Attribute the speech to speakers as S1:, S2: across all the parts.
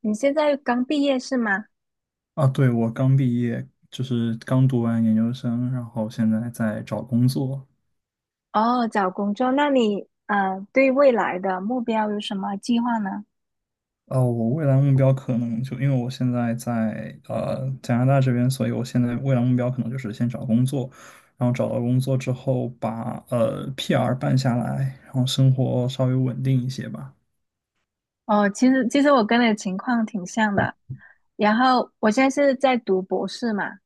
S1: 你现在刚毕业是吗？
S2: 啊，对，我刚毕业，就是刚读完研究生，然后现在在找工作。
S1: 哦，找工作，那你对未来的目标有什么计划呢？
S2: 我未来目标可能就因为我现在在加拿大这边，所以我现在未来目标可能就是先找工作，然后找到工作之后把PR 办下来，然后生活稍微稳定一些吧。
S1: 哦，其实我跟你的情况挺像的，然后我现在是在读博士嘛，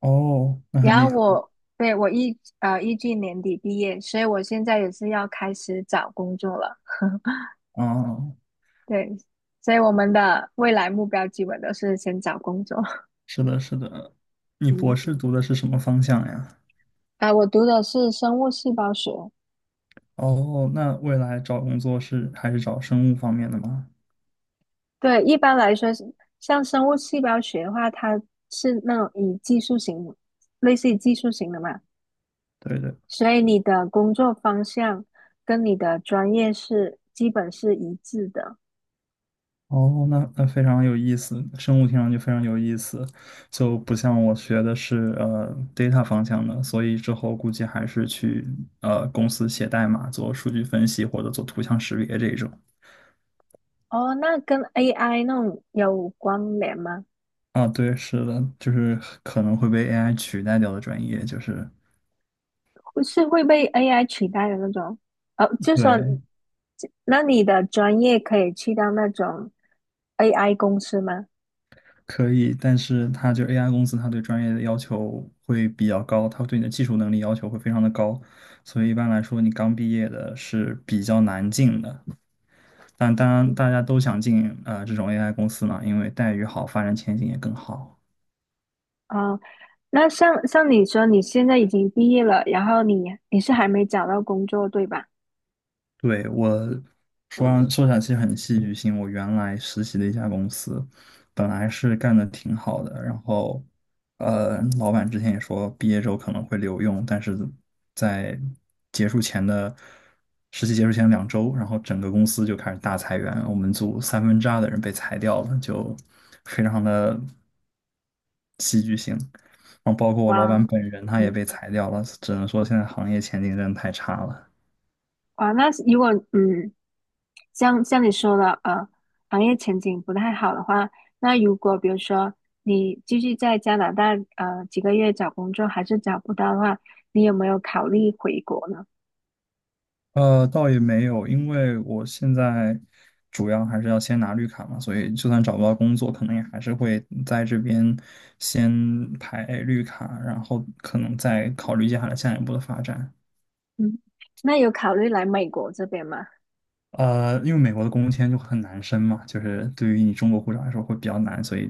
S2: 哦，那很
S1: 然后
S2: 厉害
S1: 我对，我预计年底毕业，所以我现在也是要开始找工作了。
S2: 啊！
S1: 对，所以我们的未来目标基本都是先找工作。
S2: 是的，是的。你博
S1: 嗯，
S2: 士读的是什么方向呀？
S1: 啊、我读的是生物细胞学。
S2: 哦，那未来找工作是还是找生物方面的吗？
S1: 对，一般来说是像生物细胞学的话，它是那种以技术型，类似于技术型的嘛，
S2: 对对。
S1: 所以你的工作方向跟你的专业基本是一致的。
S2: 哦，那非常有意思，生物听上去非常有意思，就不像我学的是data 方向的，所以之后估计还是去公司写代码做数据分析或者做图像识别这种。
S1: 哦，那跟 AI 那种有关联吗？
S2: 啊，对，是的，就是可能会被 AI 取代掉的专业，就是
S1: 会被 AI 取代的那种？就说，
S2: 对，
S1: 就那你的专业可以去到那种 AI 公司吗？
S2: 可以，但是它就 AI 公司，它对专业的要求会比较高，它对你的技术能力要求会非常的高，所以一般来说，你刚毕业的是比较难进的。但当然，
S1: 嗯，
S2: 大家都想进这种 AI 公司嘛，因为待遇好，发展前景也更好。
S1: 哦，那像你说，你现在已经毕业了，然后你是还没找到工作，对吧？
S2: 对，我说起来很戏剧性，我原来实习的一家公司，本来是干的挺好的，然后老板之前也说毕业之后可能会留用，但是在结束前的实习结束前2周，然后整个公司就开始大裁员，我们组三分之二的人被裁掉了，就非常的。然后包括我老板
S1: 哇，
S2: 本人，他也
S1: 嗯，
S2: 被裁掉了，只能说现在行业前景真的太差了。
S1: 哇，那如果像你说的，行业前景不太好的话，那如果比如说你继续在加拿大几个月找工作还是找不到的话，你有没有考虑回国呢？
S2: 倒也没有，因为我现在主要还是要先拿绿卡嘛，所以就算找不到工作，可能也还是会在这边先排绿卡，然后可能再考虑接下来下一步的发展。
S1: 嗯，那有考虑来美国这边吗？
S2: 因为美国的工签就很难申嘛，就是对于你中国护照来说会比较难，所以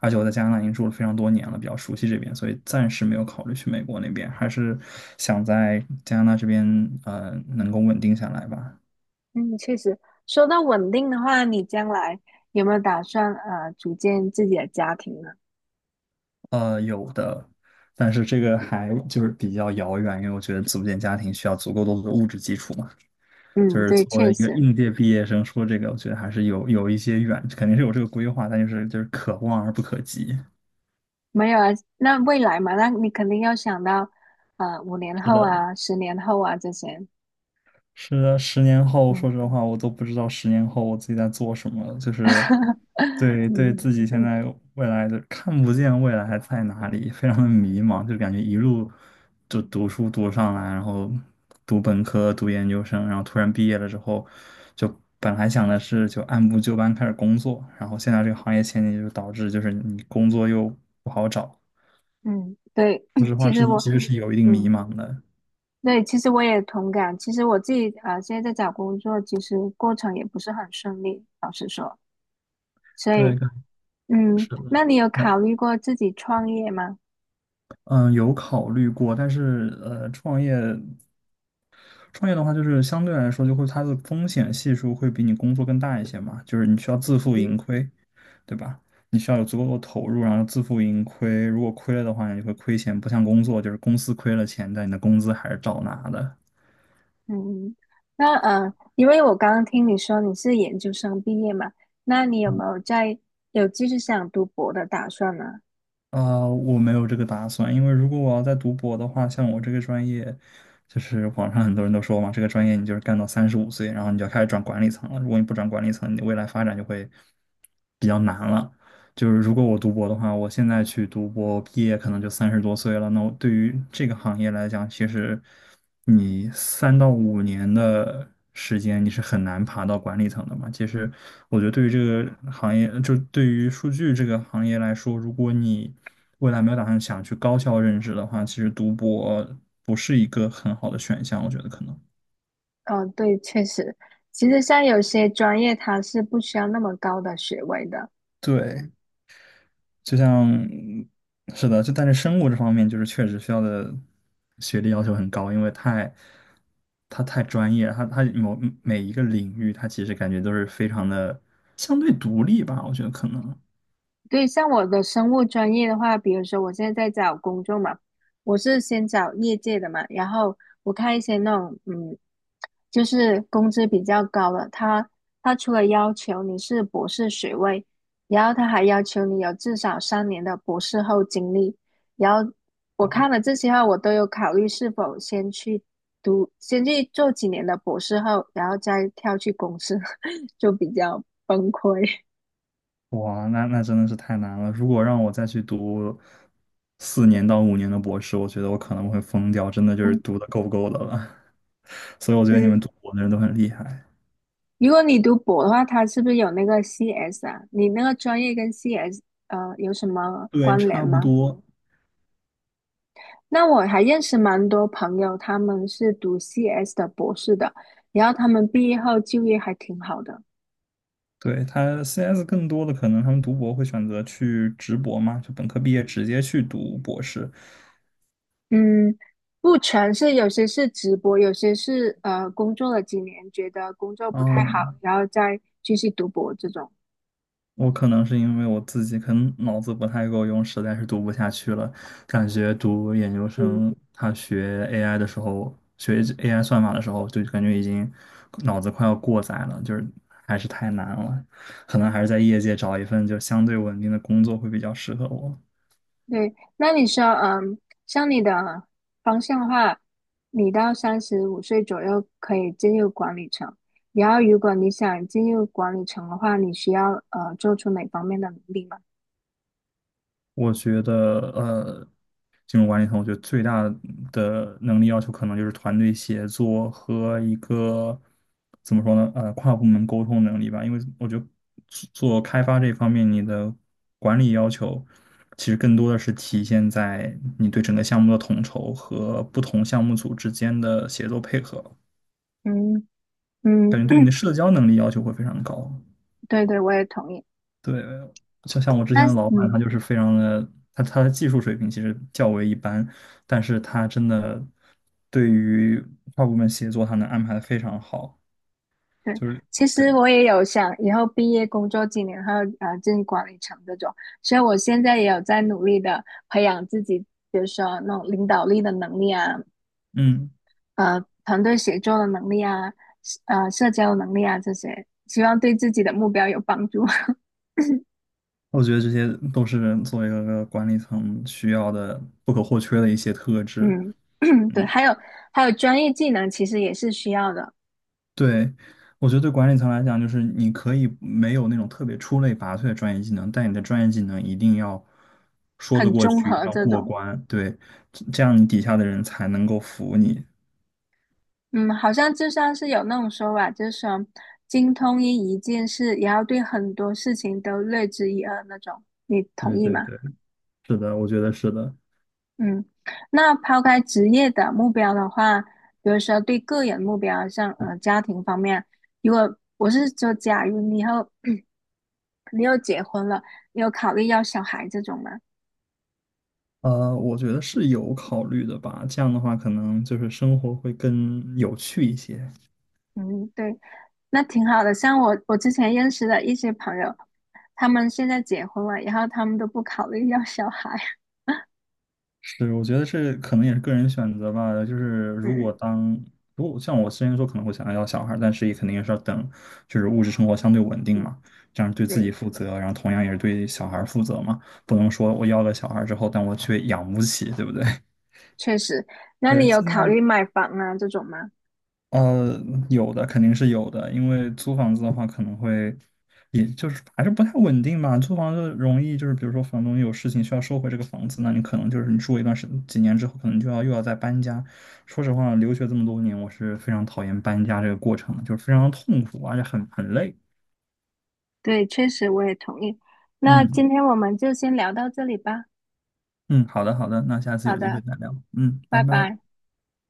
S2: 而且我在加拿大已经住了非常多年了，比较熟悉这边，所以暂时没有考虑去美国那边，还是想在加拿大这边能够稳定下来吧。
S1: 嗯，确实，说到稳定的话，你将来有没有打算组建自己的家庭呢？
S2: 有的，但是这个还就是比较遥远，因为我觉得组建家庭需要足够多的物质基础嘛。就
S1: 嗯，
S2: 是
S1: 对，
S2: 作为
S1: 确
S2: 一个
S1: 实
S2: 应届毕业生说这个，我觉得还是有一些远，肯定是有这个规划，但就是可望而不可及。
S1: 没有啊。那未来嘛，那你肯定要想到，五年
S2: 是
S1: 后
S2: 的，
S1: 啊，10年后啊这些。
S2: 是的，十年后，
S1: 嗯，
S2: 说实话，我都不知道十年后我自己在做什么了就是 对
S1: 嗯
S2: 自己现
S1: 嗯
S2: 在未来的看不见未来还在哪里，非常的迷茫，就感觉一路就读书读上来，然后读本科、读研究生，然后突然毕业了之后，就本来想的是就按部就班开始工作，然后现在这个行业前景就导致就是你工作又不好找，
S1: 嗯，对，
S2: 说实 话
S1: 其实
S2: 是
S1: 我，
S2: 其实是有一定迷
S1: 嗯，
S2: 茫的，
S1: 对，其实我也同感。其实我自己啊，现在在找工作，其实过程也不是很顺利，老实说。所
S2: 对，
S1: 以，嗯，
S2: 是
S1: 那
S2: 的。
S1: 你有考虑过自己创业吗？
S2: 嗯，有考虑过，但是创业的话，就是相对来说，就会它的风险系数会比你工作更大一些嘛，就是你需要自负
S1: 嗯。
S2: 盈亏，对吧？你需要有足够的投入，然后自负盈亏。如果亏了的话，你会亏钱，不像工作，就是公司亏了钱，但你的工资还是照拿的。
S1: 嗯，那因为我刚刚听你说你是研究生毕业嘛，那你有没有在有继续想读博的打算呢？
S2: 啊，我没有这个打算，因为如果我要再读博的话，像我这个专业，就是网上很多人都说嘛，这个专业你就是干到35岁，然后你就要开始转管理层了。如果你不转管理层，你未来发展就会比较难了。就是如果我读博的话，我现在去读博，毕业可能就30多岁了。那我对于这个行业来讲，其实你3到5年的时间，你是很难爬到管理层的嘛。其实我觉得对于这个行业，就对于数据这个行业来说，如果你未来没有打算想去高校任职的话，其实读博不是一个很好的选项，我觉得可能。
S1: 哦，对，确实，其实像有些专业它是不需要那么高的学位的，
S2: 对，就像是的，就但是生物这方面就是确实需要的学历要求很高，因为它太专业了，它每一个领域，它其实感觉都是非常的相对独立吧，我觉得可能。
S1: 对，像我的生物专业的话，比如说我现在在找工作嘛，我是先找业界的嘛，然后我看一些那种就是工资比较高的，他除了要求你是博士学位，然后他还要求你有至少3年的博士后经历，然后我看
S2: 哦，
S1: 了这些话，我都有考虑是否先去做几年的博士后，然后再跳去公司，就比较崩溃。
S2: 哇，那真的是太难了。如果让我再去读4年到5年的博士，我觉得我可能会疯掉，真的就是 读的够不够的了。所以我觉得你
S1: 嗯，
S2: 们读博的人都很厉害。
S1: 如果你读博的话，它是不是有那个 CS 啊？你那个专业跟 CS 有什么
S2: 对，
S1: 关联
S2: 差不
S1: 吗？
S2: 多。
S1: 那我还认识蛮多朋友，他们是读 CS 的博士的，然后他们毕业后就业还挺好的。
S2: 对，他 CS 更多的可能他们读博会选择去直博嘛，就本科毕业直接去读博士。
S1: 嗯，不全是，有些是直播，有些是工作了几年，觉得工作不太好，
S2: 嗯，
S1: 然后再继续读博这种。
S2: 我可能是因为我自己可能脑子不太够用，实在是读不下去了。感觉读研究
S1: 嗯。
S2: 生，他学 AI 的时候，学 AI 算法的时候，就感觉已经脑子快要过载了，就是还是太难了。可能还是在业界找一份就相对稳定的工作会比较适合我。
S1: 对，那你说，像你的方向的话，你到35岁左右可以进入管理层。然后，如果你想进入管理层的话，你需要做出哪方面的努力吗？
S2: 我觉得，金融管理层，我觉得最大的能力要求可能就是团队协作和一个怎么说呢，跨部门沟通能力吧。因为我觉得做开发这方面，你的管理要求其实更多的是体现在你对整个项目的统筹和不同项目组之间的协作配合。
S1: 嗯嗯，
S2: 感觉对你的社交能力要求会非常高。
S1: 对对，我也同意。
S2: 对，就像我之前
S1: 那
S2: 的老板，他就是非常的，他的技术水平其实较为一般，但是他真的对于跨部门协作，他能安排的非常好，
S1: 对，
S2: 就是
S1: 其实
S2: 对，
S1: 我也有想以后毕业工作几年后，进管理层这种，所以我现在也有在努力的培养自己，比如说那种领导力的能力啊，
S2: 嗯，
S1: 团队协作的能力啊，社交能力啊这些，希望对自己的目标有帮助。
S2: 我觉得这些都是作为一个管理层需要的不可或缺的一些特 质。
S1: 嗯，对，
S2: 嗯。
S1: 还有专业技能其实也是需要的，
S2: 对，我觉得对管理层来讲，就是你可以没有那种特别出类拔萃的专业技能，但你的专业技能一定要说得
S1: 很
S2: 过
S1: 综
S2: 去，一定
S1: 合
S2: 要
S1: 这
S2: 过
S1: 种。
S2: 关。对，这样你底下的人才能够服你。
S1: 嗯，好像就像是有那种说法，就是说精通一件事，也要对很多事情都略知一二那种。你同
S2: 对
S1: 意
S2: 对
S1: 吗？
S2: 对，是的，我觉得是的。
S1: 嗯，那抛开职业的目标的话，比如说对个人目标，像家庭方面，如果我是说，假如你以后 你又结婚了，你有考虑要小孩这种吗？
S2: 我觉得是有考虑的吧，这样的话可能就是生活会更有趣一些。
S1: 嗯，对，那挺好的。像我之前认识的一些朋友，他们现在结婚了，然后他们都不考虑要小孩。
S2: 是，我觉得这可能也是个人选择吧。就是如
S1: 嗯
S2: 果当如果像我之前说可能会想要小孩但是也肯定也是要等，就是物质生活相对稳定
S1: 嗯
S2: 嘛，这样对自己
S1: 嗯，
S2: 负责，然后同样也是对小孩负责嘛。不能说我要了小孩之后，但我却养不起，对不对？
S1: 确实。那
S2: 对，
S1: 你有
S2: 现
S1: 考
S2: 在
S1: 虑买房啊这种吗？
S2: 呃，有的肯定是有的，因为租房子的话可能会，也就是还是不太稳定吧。租房子容易就是，比如说房东有事情需要收回这个房子，那你可能就是你住一段时几年之后，可能就要又要再搬家。说实话，留学这么多年，我是非常讨厌搬家这个过程的就是非常痛苦，而且很累。
S1: 对，确实我也同意。那
S2: 嗯
S1: 今天我们就先聊到这里吧。
S2: 嗯，好的好的，那下次
S1: 好
S2: 有机会
S1: 的，
S2: 再聊。嗯，拜
S1: 拜
S2: 拜。
S1: 拜。